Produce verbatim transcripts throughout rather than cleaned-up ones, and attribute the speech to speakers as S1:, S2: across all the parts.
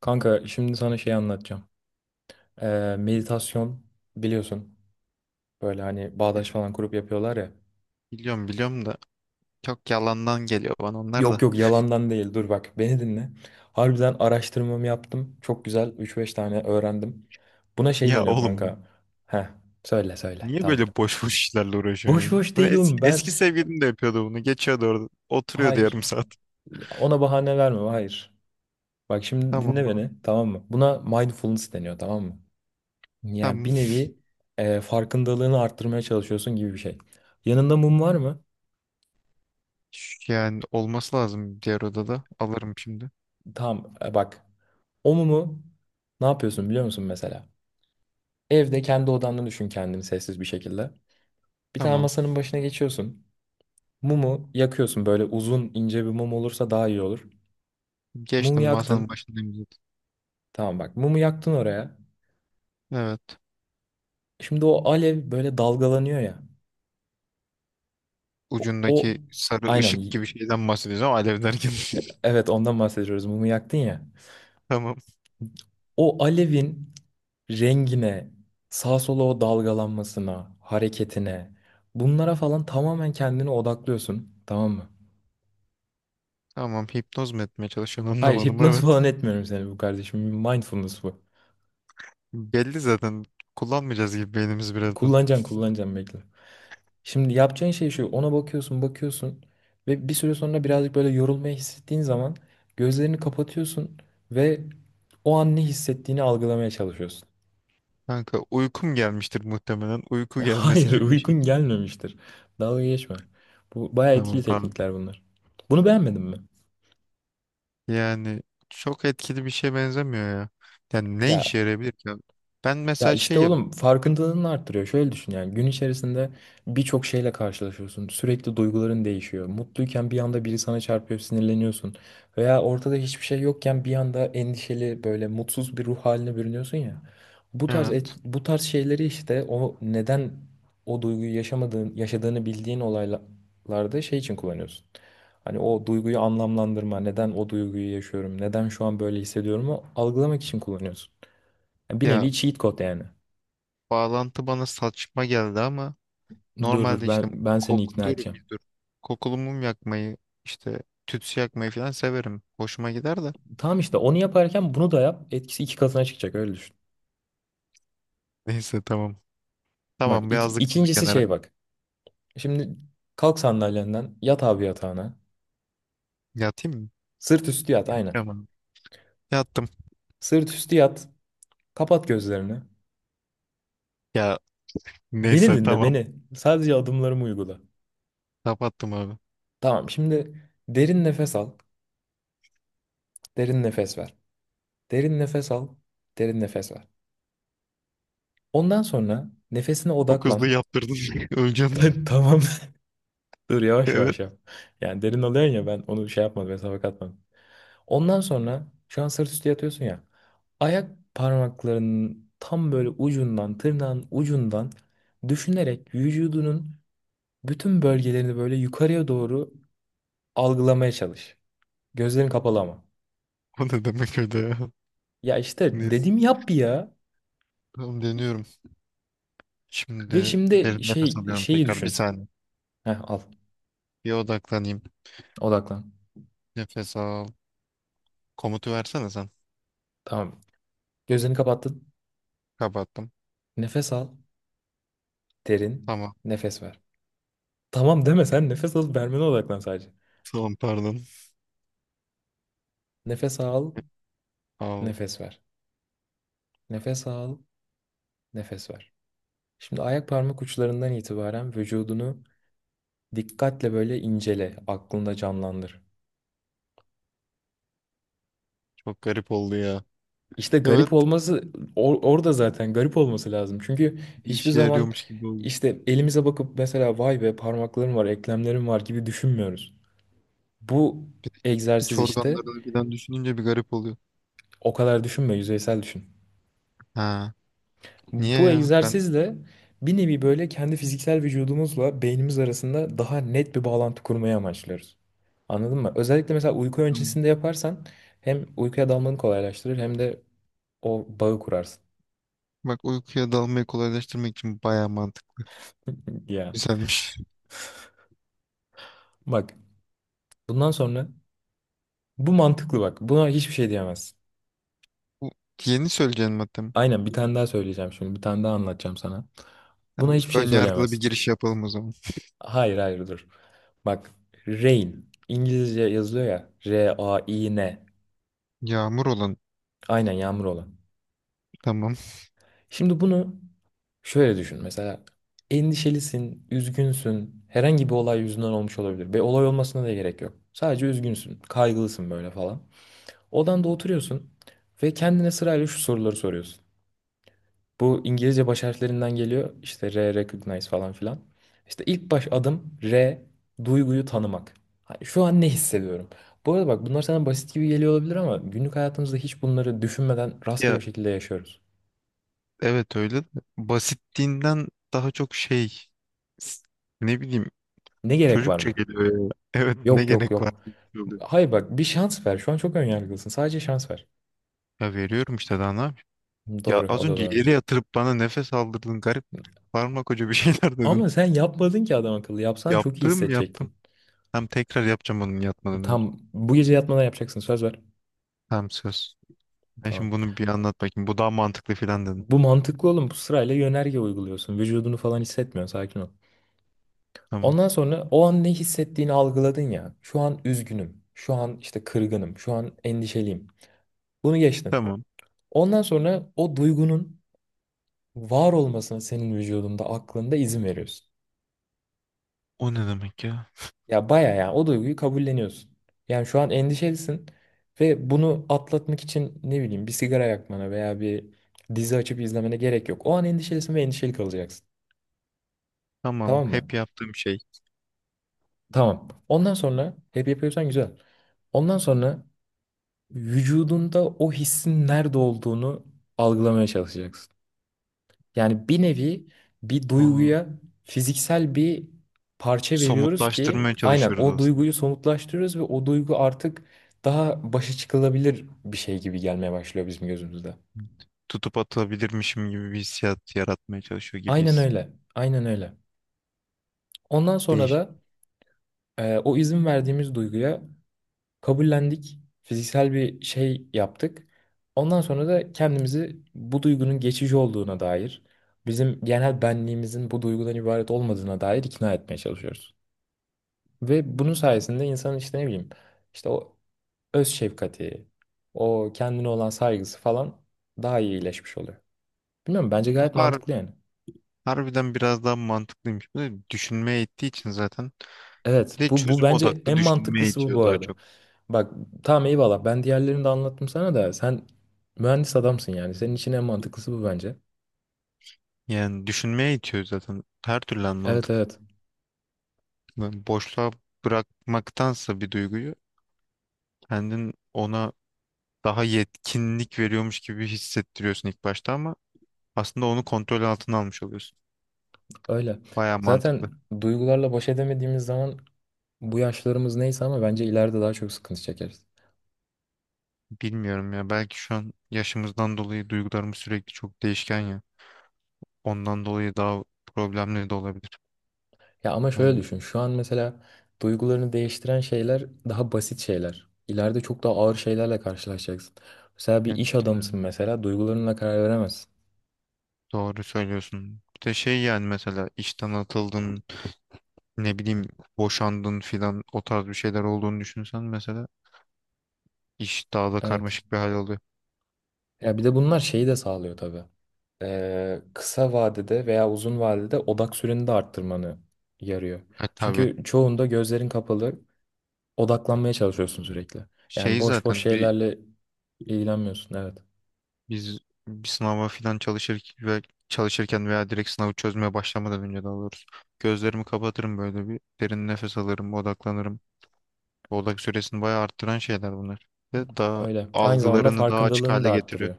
S1: Kanka şimdi sana şey anlatacağım. Ee, meditasyon biliyorsun. Böyle hani bağdaş falan kurup yapıyorlar ya.
S2: Biliyorum biliyorum da çok yalandan geliyor bana onlar
S1: Yok
S2: da.
S1: yok yalandan değil, dur bak beni dinle. Harbiden araştırmamı yaptım. Çok güzel üç beş tane öğrendim. Buna şey
S2: Ya
S1: deniyor
S2: oğlum
S1: kanka. Heh, söyle söyle,
S2: niye böyle
S1: tamam.
S2: boş boş işlerle uğraşıyorsun
S1: Boş
S2: ya?
S1: boş
S2: Bunu
S1: değil
S2: es-
S1: oğlum ben.
S2: eski sevgilim de yapıyordu bunu. Geçiyordu orada. Oturuyordu
S1: Hayır,
S2: yarım saat.
S1: ona bahane verme, hayır. Bak şimdi dinle
S2: Tamam abi.
S1: beni, tamam mı? Buna mindfulness deniyor, tamam mı? Yani
S2: Tamam.
S1: bir nevi e, farkındalığını arttırmaya çalışıyorsun gibi bir şey. Yanında mum var mı?
S2: Ş- Yani olması lazım diğer odada. Alırım şimdi.
S1: Tamam, e, bak. O mumu ne yapıyorsun biliyor musun mesela? Evde kendi odanda düşün kendini sessiz bir şekilde. Bir tane
S2: Tamam.
S1: masanın başına geçiyorsun. Mumu yakıyorsun, böyle uzun ince bir mum olursa daha iyi olur. Mumu
S2: Geçtim masanın
S1: yaktın.
S2: başındayım zaten.
S1: Tamam, bak mumu yaktın oraya.
S2: Evet.
S1: Şimdi o alev böyle dalgalanıyor ya. O, o-
S2: Ucundaki sarı
S1: aynen
S2: ışık
S1: y-
S2: gibi şeyden bahsedeceğim alev derken.
S1: e, evet, ondan bahsediyoruz, mumu yaktın ya.
S2: Tamam.
S1: O alevin rengine, sağa sola o dalgalanmasına, hareketine, bunlara falan tamamen kendini odaklıyorsun. Tamam mı?
S2: Tamam. Hipnoz mu etmeye çalışıyorsun
S1: Hayır,
S2: anlamadım.
S1: hipnoz
S2: Evet.
S1: falan etmiyorum seni bu kardeşim. Mindfulness bu.
S2: Belli zaten. Kullanmayacağız gibi beynimiz birazdan.
S1: Kullanacaksın, kullanacaksın, bekle. Şimdi yapacağın şey şu. Ona bakıyorsun, bakıyorsun ve bir süre sonra birazcık böyle yorulmayı hissettiğin zaman gözlerini kapatıyorsun ve o an ne hissettiğini algılamaya çalışıyorsun.
S2: Kanka uykum gelmiştir muhtemelen. Uyku gelmesi
S1: Hayır,
S2: gibi bir şey.
S1: uykun gelmemiştir. Dalga geçme. Bu bayağı etkili
S2: Tamam pardon.
S1: teknikler bunlar. Bunu beğenmedin mi?
S2: Yani çok etkili bir şeye benzemiyor ya. Yani ne işe
S1: Ya,
S2: yarayabilir ki? Ben
S1: ya
S2: mesela
S1: işte
S2: şeyim.
S1: oğlum, farkındalığını arttırıyor. Şöyle düşün, yani gün içerisinde birçok şeyle karşılaşıyorsun. Sürekli duyguların değişiyor. Mutluyken bir anda biri sana çarpıyor, sinirleniyorsun. Veya ortada hiçbir şey yokken bir anda endişeli, böyle mutsuz bir ruh haline bürünüyorsun ya. Bu tarz et-
S2: Evet.
S1: bu tarz şeyleri işte, o neden o duyguyu yaşamadığın, yaşadığını bildiğin olaylarda şey için kullanıyorsun. Hani o duyguyu anlamlandırma, neden o duyguyu yaşıyorum, neden şu an böyle hissediyorumu algılamak için kullanıyorsun. Yani bir
S2: Ya
S1: nevi cheat code yani.
S2: bağlantı bana saçma geldi ama
S1: Dur dur,
S2: normalde işte
S1: ben ben seni ikna
S2: koktur
S1: edeceğim.
S2: bir dur. Kokulu mum yakmayı işte tütsü yakmayı falan severim. Hoşuma gider de.
S1: Tamam, işte onu yaparken bunu da yap. Etkisi iki katına çıkacak, öyle düşün.
S2: Neyse tamam.
S1: Bak,
S2: Tamam
S1: ik-
S2: birazcık bunu
S1: ikincisi
S2: kenara.
S1: şey bak. Şimdi kalk sandalyenden, yat abi yatağına.
S2: Yatayım mı?
S1: Sırt üstü yat aynen.
S2: Yatıyorum abi. Yattım.
S1: Sırt üstü yat. Kapat gözlerini.
S2: Ya
S1: Beni
S2: neyse
S1: dinle
S2: tamam.
S1: beni. Sadece adımlarımı uygula.
S2: Kapattım abi.
S1: Tamam, şimdi derin nefes al. Derin nefes ver. Derin nefes al. Derin nefes ver. Ondan sonra nefesine
S2: Çok hızlı
S1: odaklan.
S2: yaptırdın. Öleceğim.
S1: Tamam. Dur, yavaş
S2: Evet.
S1: yavaş yap. Yani derin alıyorsun ya, ben onu şey yapmadım, hesaba katmadım. Ondan sonra şu an sırt üstü yatıyorsun ya. Ayak parmaklarının tam böyle ucundan, tırnağın ucundan düşünerek vücudunun bütün bölgelerini böyle yukarıya doğru algılamaya çalış. Gözlerin kapalı ama.
S2: O ne demek öyle ya?
S1: Ya işte
S2: Neyse.
S1: dedim yap ya.
S2: Tamam deniyorum.
S1: Ve
S2: Şimdi
S1: şimdi
S2: derin nefes
S1: şey
S2: alıyorum
S1: şeyi
S2: tekrar. Bir
S1: düşün.
S2: saniye.
S1: Heh, al.
S2: Bir odaklanayım.
S1: Odaklan.
S2: Nefes al. Komutu versene sen.
S1: Tamam. Gözlerini kapattın.
S2: Kapattım.
S1: Nefes al. Derin.
S2: Tamam.
S1: Nefes ver. Tamam deme sen, nefes alıp vermene odaklan sadece.
S2: Tamam pardon.
S1: Nefes al.
S2: Al.
S1: Nefes ver. Nefes al. Nefes ver. Şimdi ayak parmak uçlarından itibaren vücudunu dikkatle böyle incele, aklında canlandır.
S2: Çok garip oldu ya.
S1: İşte
S2: Evet.
S1: garip olması, or- orada zaten garip olması lazım. Çünkü
S2: Bir
S1: hiçbir
S2: işe
S1: zaman
S2: yarıyormuş gibi oldu.
S1: işte elimize bakıp mesela vay be parmaklarım var, eklemlerim var gibi düşünmüyoruz. Bu
S2: Bir de iç
S1: egzersiz işte
S2: organlarını birden düşününce bir garip oluyor.
S1: o kadar düşünme, yüzeysel düşün.
S2: Ha. Niye
S1: Bu
S2: ya? Ben
S1: egzersizle bir nevi böyle kendi fiziksel vücudumuzla beynimiz arasında daha net bir bağlantı kurmayı amaçlıyoruz. Anladın mı? Özellikle mesela uyku
S2: tamam.
S1: öncesinde yaparsan hem uykuya dalmanı kolaylaştırır hem de o bağı kurarsın.
S2: Bak uykuya dalmayı kolaylaştırmak için bayağı mantıklı.
S1: Ya
S2: Güzelmiş.
S1: bak, bundan sonra bu mantıklı bak. Buna hiçbir şey diyemezsin.
S2: Bu yeni söyleyeceğin madde mi?
S1: Aynen, bir tane daha söyleyeceğim şimdi. Bir tane daha anlatacağım sana. Buna
S2: Tamam,
S1: hiçbir şey
S2: ön yargılı bir
S1: söyleyemezsin.
S2: giriş yapalım o zaman.
S1: Hayır hayır dur. Bak, rain İngilizce yazılıyor ya. R-A-I-N.
S2: Yağmur olan.
S1: Aynen, yağmur olan.
S2: Tamam.
S1: Şimdi bunu şöyle düşün. Mesela endişelisin, üzgünsün. Herhangi bir olay yüzünden olmuş olabilir. Ve olay olmasına da gerek yok. Sadece üzgünsün, kaygılısın böyle falan. Odanda oturuyorsun ve kendine sırayla şu soruları soruyorsun. Bu İngilizce baş harflerinden geliyor. İşte R, recognize falan filan. İşte ilk baş adım R, duyguyu tanımak. Hani şu an ne hissediyorum? Bu arada bak, bunlar sana basit gibi geliyor olabilir ama günlük hayatımızda hiç bunları düşünmeden rastgele
S2: Ya
S1: bir şekilde yaşıyoruz.
S2: evet öyle de basitliğinden daha çok şey s- ne bileyim
S1: Ne gerek var
S2: çocukça
S1: mı?
S2: geliyor ya. Evet ne
S1: Yok yok
S2: gerek var?
S1: yok. Hayır bak, bir şans ver. Şu an çok önyargılısın. Sadece şans ver.
S2: Ya veriyorum işte daha ne yapayım? Ya
S1: Doğru,
S2: az
S1: o da
S2: önce
S1: doğru.
S2: yere yatırıp bana nefes aldırdın garip koca bir şeyler dedin.
S1: Ama sen yapmadın ki adam akıllı. Yapsan çok iyi
S2: Yaptım yaptım.
S1: hissedecektin.
S2: Hem tekrar yapacağım onun yatmadan önce.
S1: Tam bu gece yatmadan yapacaksın, söz ver.
S2: Hem söz. Ben
S1: Tamam.
S2: şimdi bunu bir anlat bakayım. Bu daha mantıklı filan dedin.
S1: Bu mantıklı oğlum. Bu sırayla yönerge uyguluyorsun. Vücudunu falan hissetmiyorsun. Sakin ol.
S2: Tamam.
S1: Ondan sonra o an ne hissettiğini algıladın ya. Şu an üzgünüm. Şu an işte kırgınım. Şu an endişeliyim. Bunu geçtin.
S2: Tamam.
S1: Ondan sonra o duygunun var olmasına, senin vücudunda, aklında izin veriyorsun.
S2: O ne demek ya?
S1: Ya baya ya, o duyguyu kabulleniyorsun. Yani şu an endişelisin ve bunu atlatmak için ne bileyim bir sigara yakmana veya bir dizi açıp izlemene gerek yok. O an endişelisin ve endişeli kalacaksın.
S2: Tamam.
S1: Tamam mı?
S2: Hep yaptığım şey.
S1: Tamam. Ondan sonra hep yapıyorsan güzel. Ondan sonra vücudunda o hissin nerede olduğunu algılamaya çalışacaksın. Yani bir nevi bir
S2: Aa,
S1: duyguya fiziksel bir parça veriyoruz ki
S2: somutlaştırmaya şey?
S1: aynen
S2: çalışıyoruz
S1: o
S2: aslında.
S1: duyguyu somutlaştırıyoruz ve o duygu artık daha başa çıkılabilir bir şey gibi gelmeye başlıyor bizim gözümüzde.
S2: Tutup atabilirmişim gibi bir hissiyat yaratmaya çalışıyor
S1: Aynen
S2: gibiyiz.
S1: öyle. Aynen öyle. Ondan sonra
S2: Değişik.
S1: da e, o izin verdiğimiz duyguya kabullendik. Fiziksel bir şey yaptık. Ondan sonra da kendimizi bu duygunun geçici olduğuna dair, bizim genel benliğimizin bu duygudan ibaret olmadığına dair ikna etmeye çalışıyoruz. Ve bunun sayesinde insanın işte ne bileyim, işte o öz şefkati, o kendine olan saygısı falan daha iyi iyileşmiş oluyor. Bilmiyorum, bence
S2: Bu
S1: gayet
S2: har
S1: mantıklı yani.
S2: Harbiden biraz daha mantıklıymış. Bu da düşünmeye ittiği için zaten. Bir
S1: Evet
S2: de
S1: bu, bu
S2: çözüm
S1: bence
S2: odaklı
S1: en
S2: düşünmeye
S1: mantıklısı bu bu
S2: itiyor daha
S1: arada.
S2: çok.
S1: Bak tamam, eyvallah, ben diğerlerini de anlattım sana da sen mühendis adamsın yani. Senin için en mantıklısı bu bence.
S2: Yani düşünmeye itiyor zaten. Her türlü an
S1: Evet
S2: mantıklı.
S1: evet,
S2: Yani boşluğa bırakmaktansa bir duyguyu kendin ona daha yetkinlik veriyormuş gibi hissettiriyorsun ilk başta ama aslında onu kontrol altına almış oluyorsun.
S1: öyle.
S2: Baya
S1: Zaten
S2: mantıklı.
S1: duygularla baş edemediğimiz zaman, bu yaşlarımız neyse ama bence ileride daha çok sıkıntı çekeriz.
S2: Bilmiyorum ya belki şu an yaşımızdan dolayı duygularımız sürekli çok değişken ya. Ondan dolayı daha problemli de olabilir.
S1: Ya ama şöyle
S2: Yani,
S1: düşün. Şu an mesela duygularını değiştiren şeyler daha basit şeyler. İleride çok daha ağır şeylerle karşılaşacaksın. Mesela bir
S2: yani
S1: iş
S2: yani
S1: adamısın, mesela duygularınla karar veremezsin.
S2: doğru söylüyorsun. Bir de şey yani mesela işten atıldın, ne bileyim boşandın filan o tarz bir şeyler olduğunu düşünsen mesela iş daha da
S1: Evet.
S2: karmaşık bir hal alıyor.
S1: Ya bir de bunlar şeyi de sağlıyor tabii. Ee, kısa vadede veya uzun vadede odak süreni de arttırmanı yarıyor.
S2: E tabii
S1: Çünkü çoğunda gözlerin kapalı, odaklanmaya çalışıyorsun sürekli. Yani
S2: şey
S1: boş boş
S2: zaten bir
S1: şeylerle ilgilenmiyorsun. Evet.
S2: biz bir sınava filan çalışır ve çalışırken veya direkt sınavı çözmeye başlamadan önce daha doğrusu gözlerimi kapatırım böyle bir derin nefes alırım, odaklanırım. Odak süresini bayağı arttıran şeyler bunlar. Ve daha
S1: Öyle. Aynı zamanda
S2: algılarını daha açık
S1: farkındalığını da
S2: hale getiriyor.
S1: arttırıyor.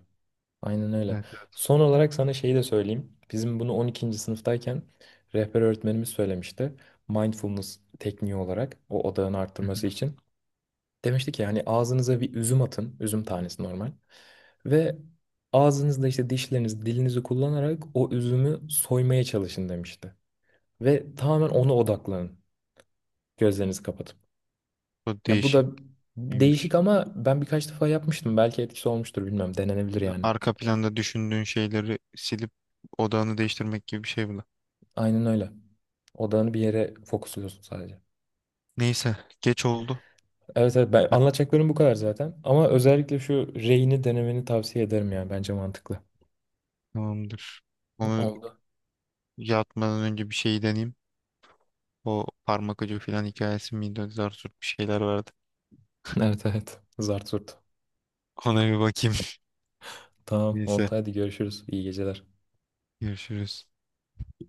S1: Aynen öyle.
S2: Evet, evet.
S1: Son olarak sana şeyi de söyleyeyim. Bizim bunu on ikinci sınıftayken rehber öğretmenimiz söylemişti. Mindfulness tekniği olarak o odağını
S2: Hı
S1: arttırması
S2: hı.
S1: için. Demişti ki yani ağzınıza bir üzüm atın. Üzüm tanesi normal. Ve ağzınızda işte dişlerinizi, dilinizi kullanarak o üzümü soymaya çalışın demişti. Ve tamamen ona odaklanın. Gözlerinizi kapatıp.
S2: O
S1: Ya bu da
S2: değişik Değişikmiş.
S1: değişik ama ben birkaç defa yapmıştım. Belki etkisi olmuştur, bilmem. Denenebilir yani.
S2: Arka planda düşündüğün şeyleri silip odağını değiştirmek gibi bir şey bu da.
S1: Aynen öyle. Odağını bir yere fokusluyorsun sadece.
S2: Neyse, geç oldu.
S1: Evet evet, ben
S2: Ben-
S1: anlatacaklarım bu kadar zaten. Ama özellikle şu Rei'ni denemeni tavsiye ederim yani, bence mantıklı.
S2: Tamamdır. Onu
S1: Oldu.
S2: yatmadan önce bir şey deneyeyim. O parmak ucu falan hikayesi miydi? Zar zor bir şeyler vardı.
S1: Evet evet. Zart zurt.
S2: Ona bir bakayım.
S1: Tamam oldu,
S2: Neyse,
S1: hadi görüşürüz. İyi geceler.
S2: görüşürüz.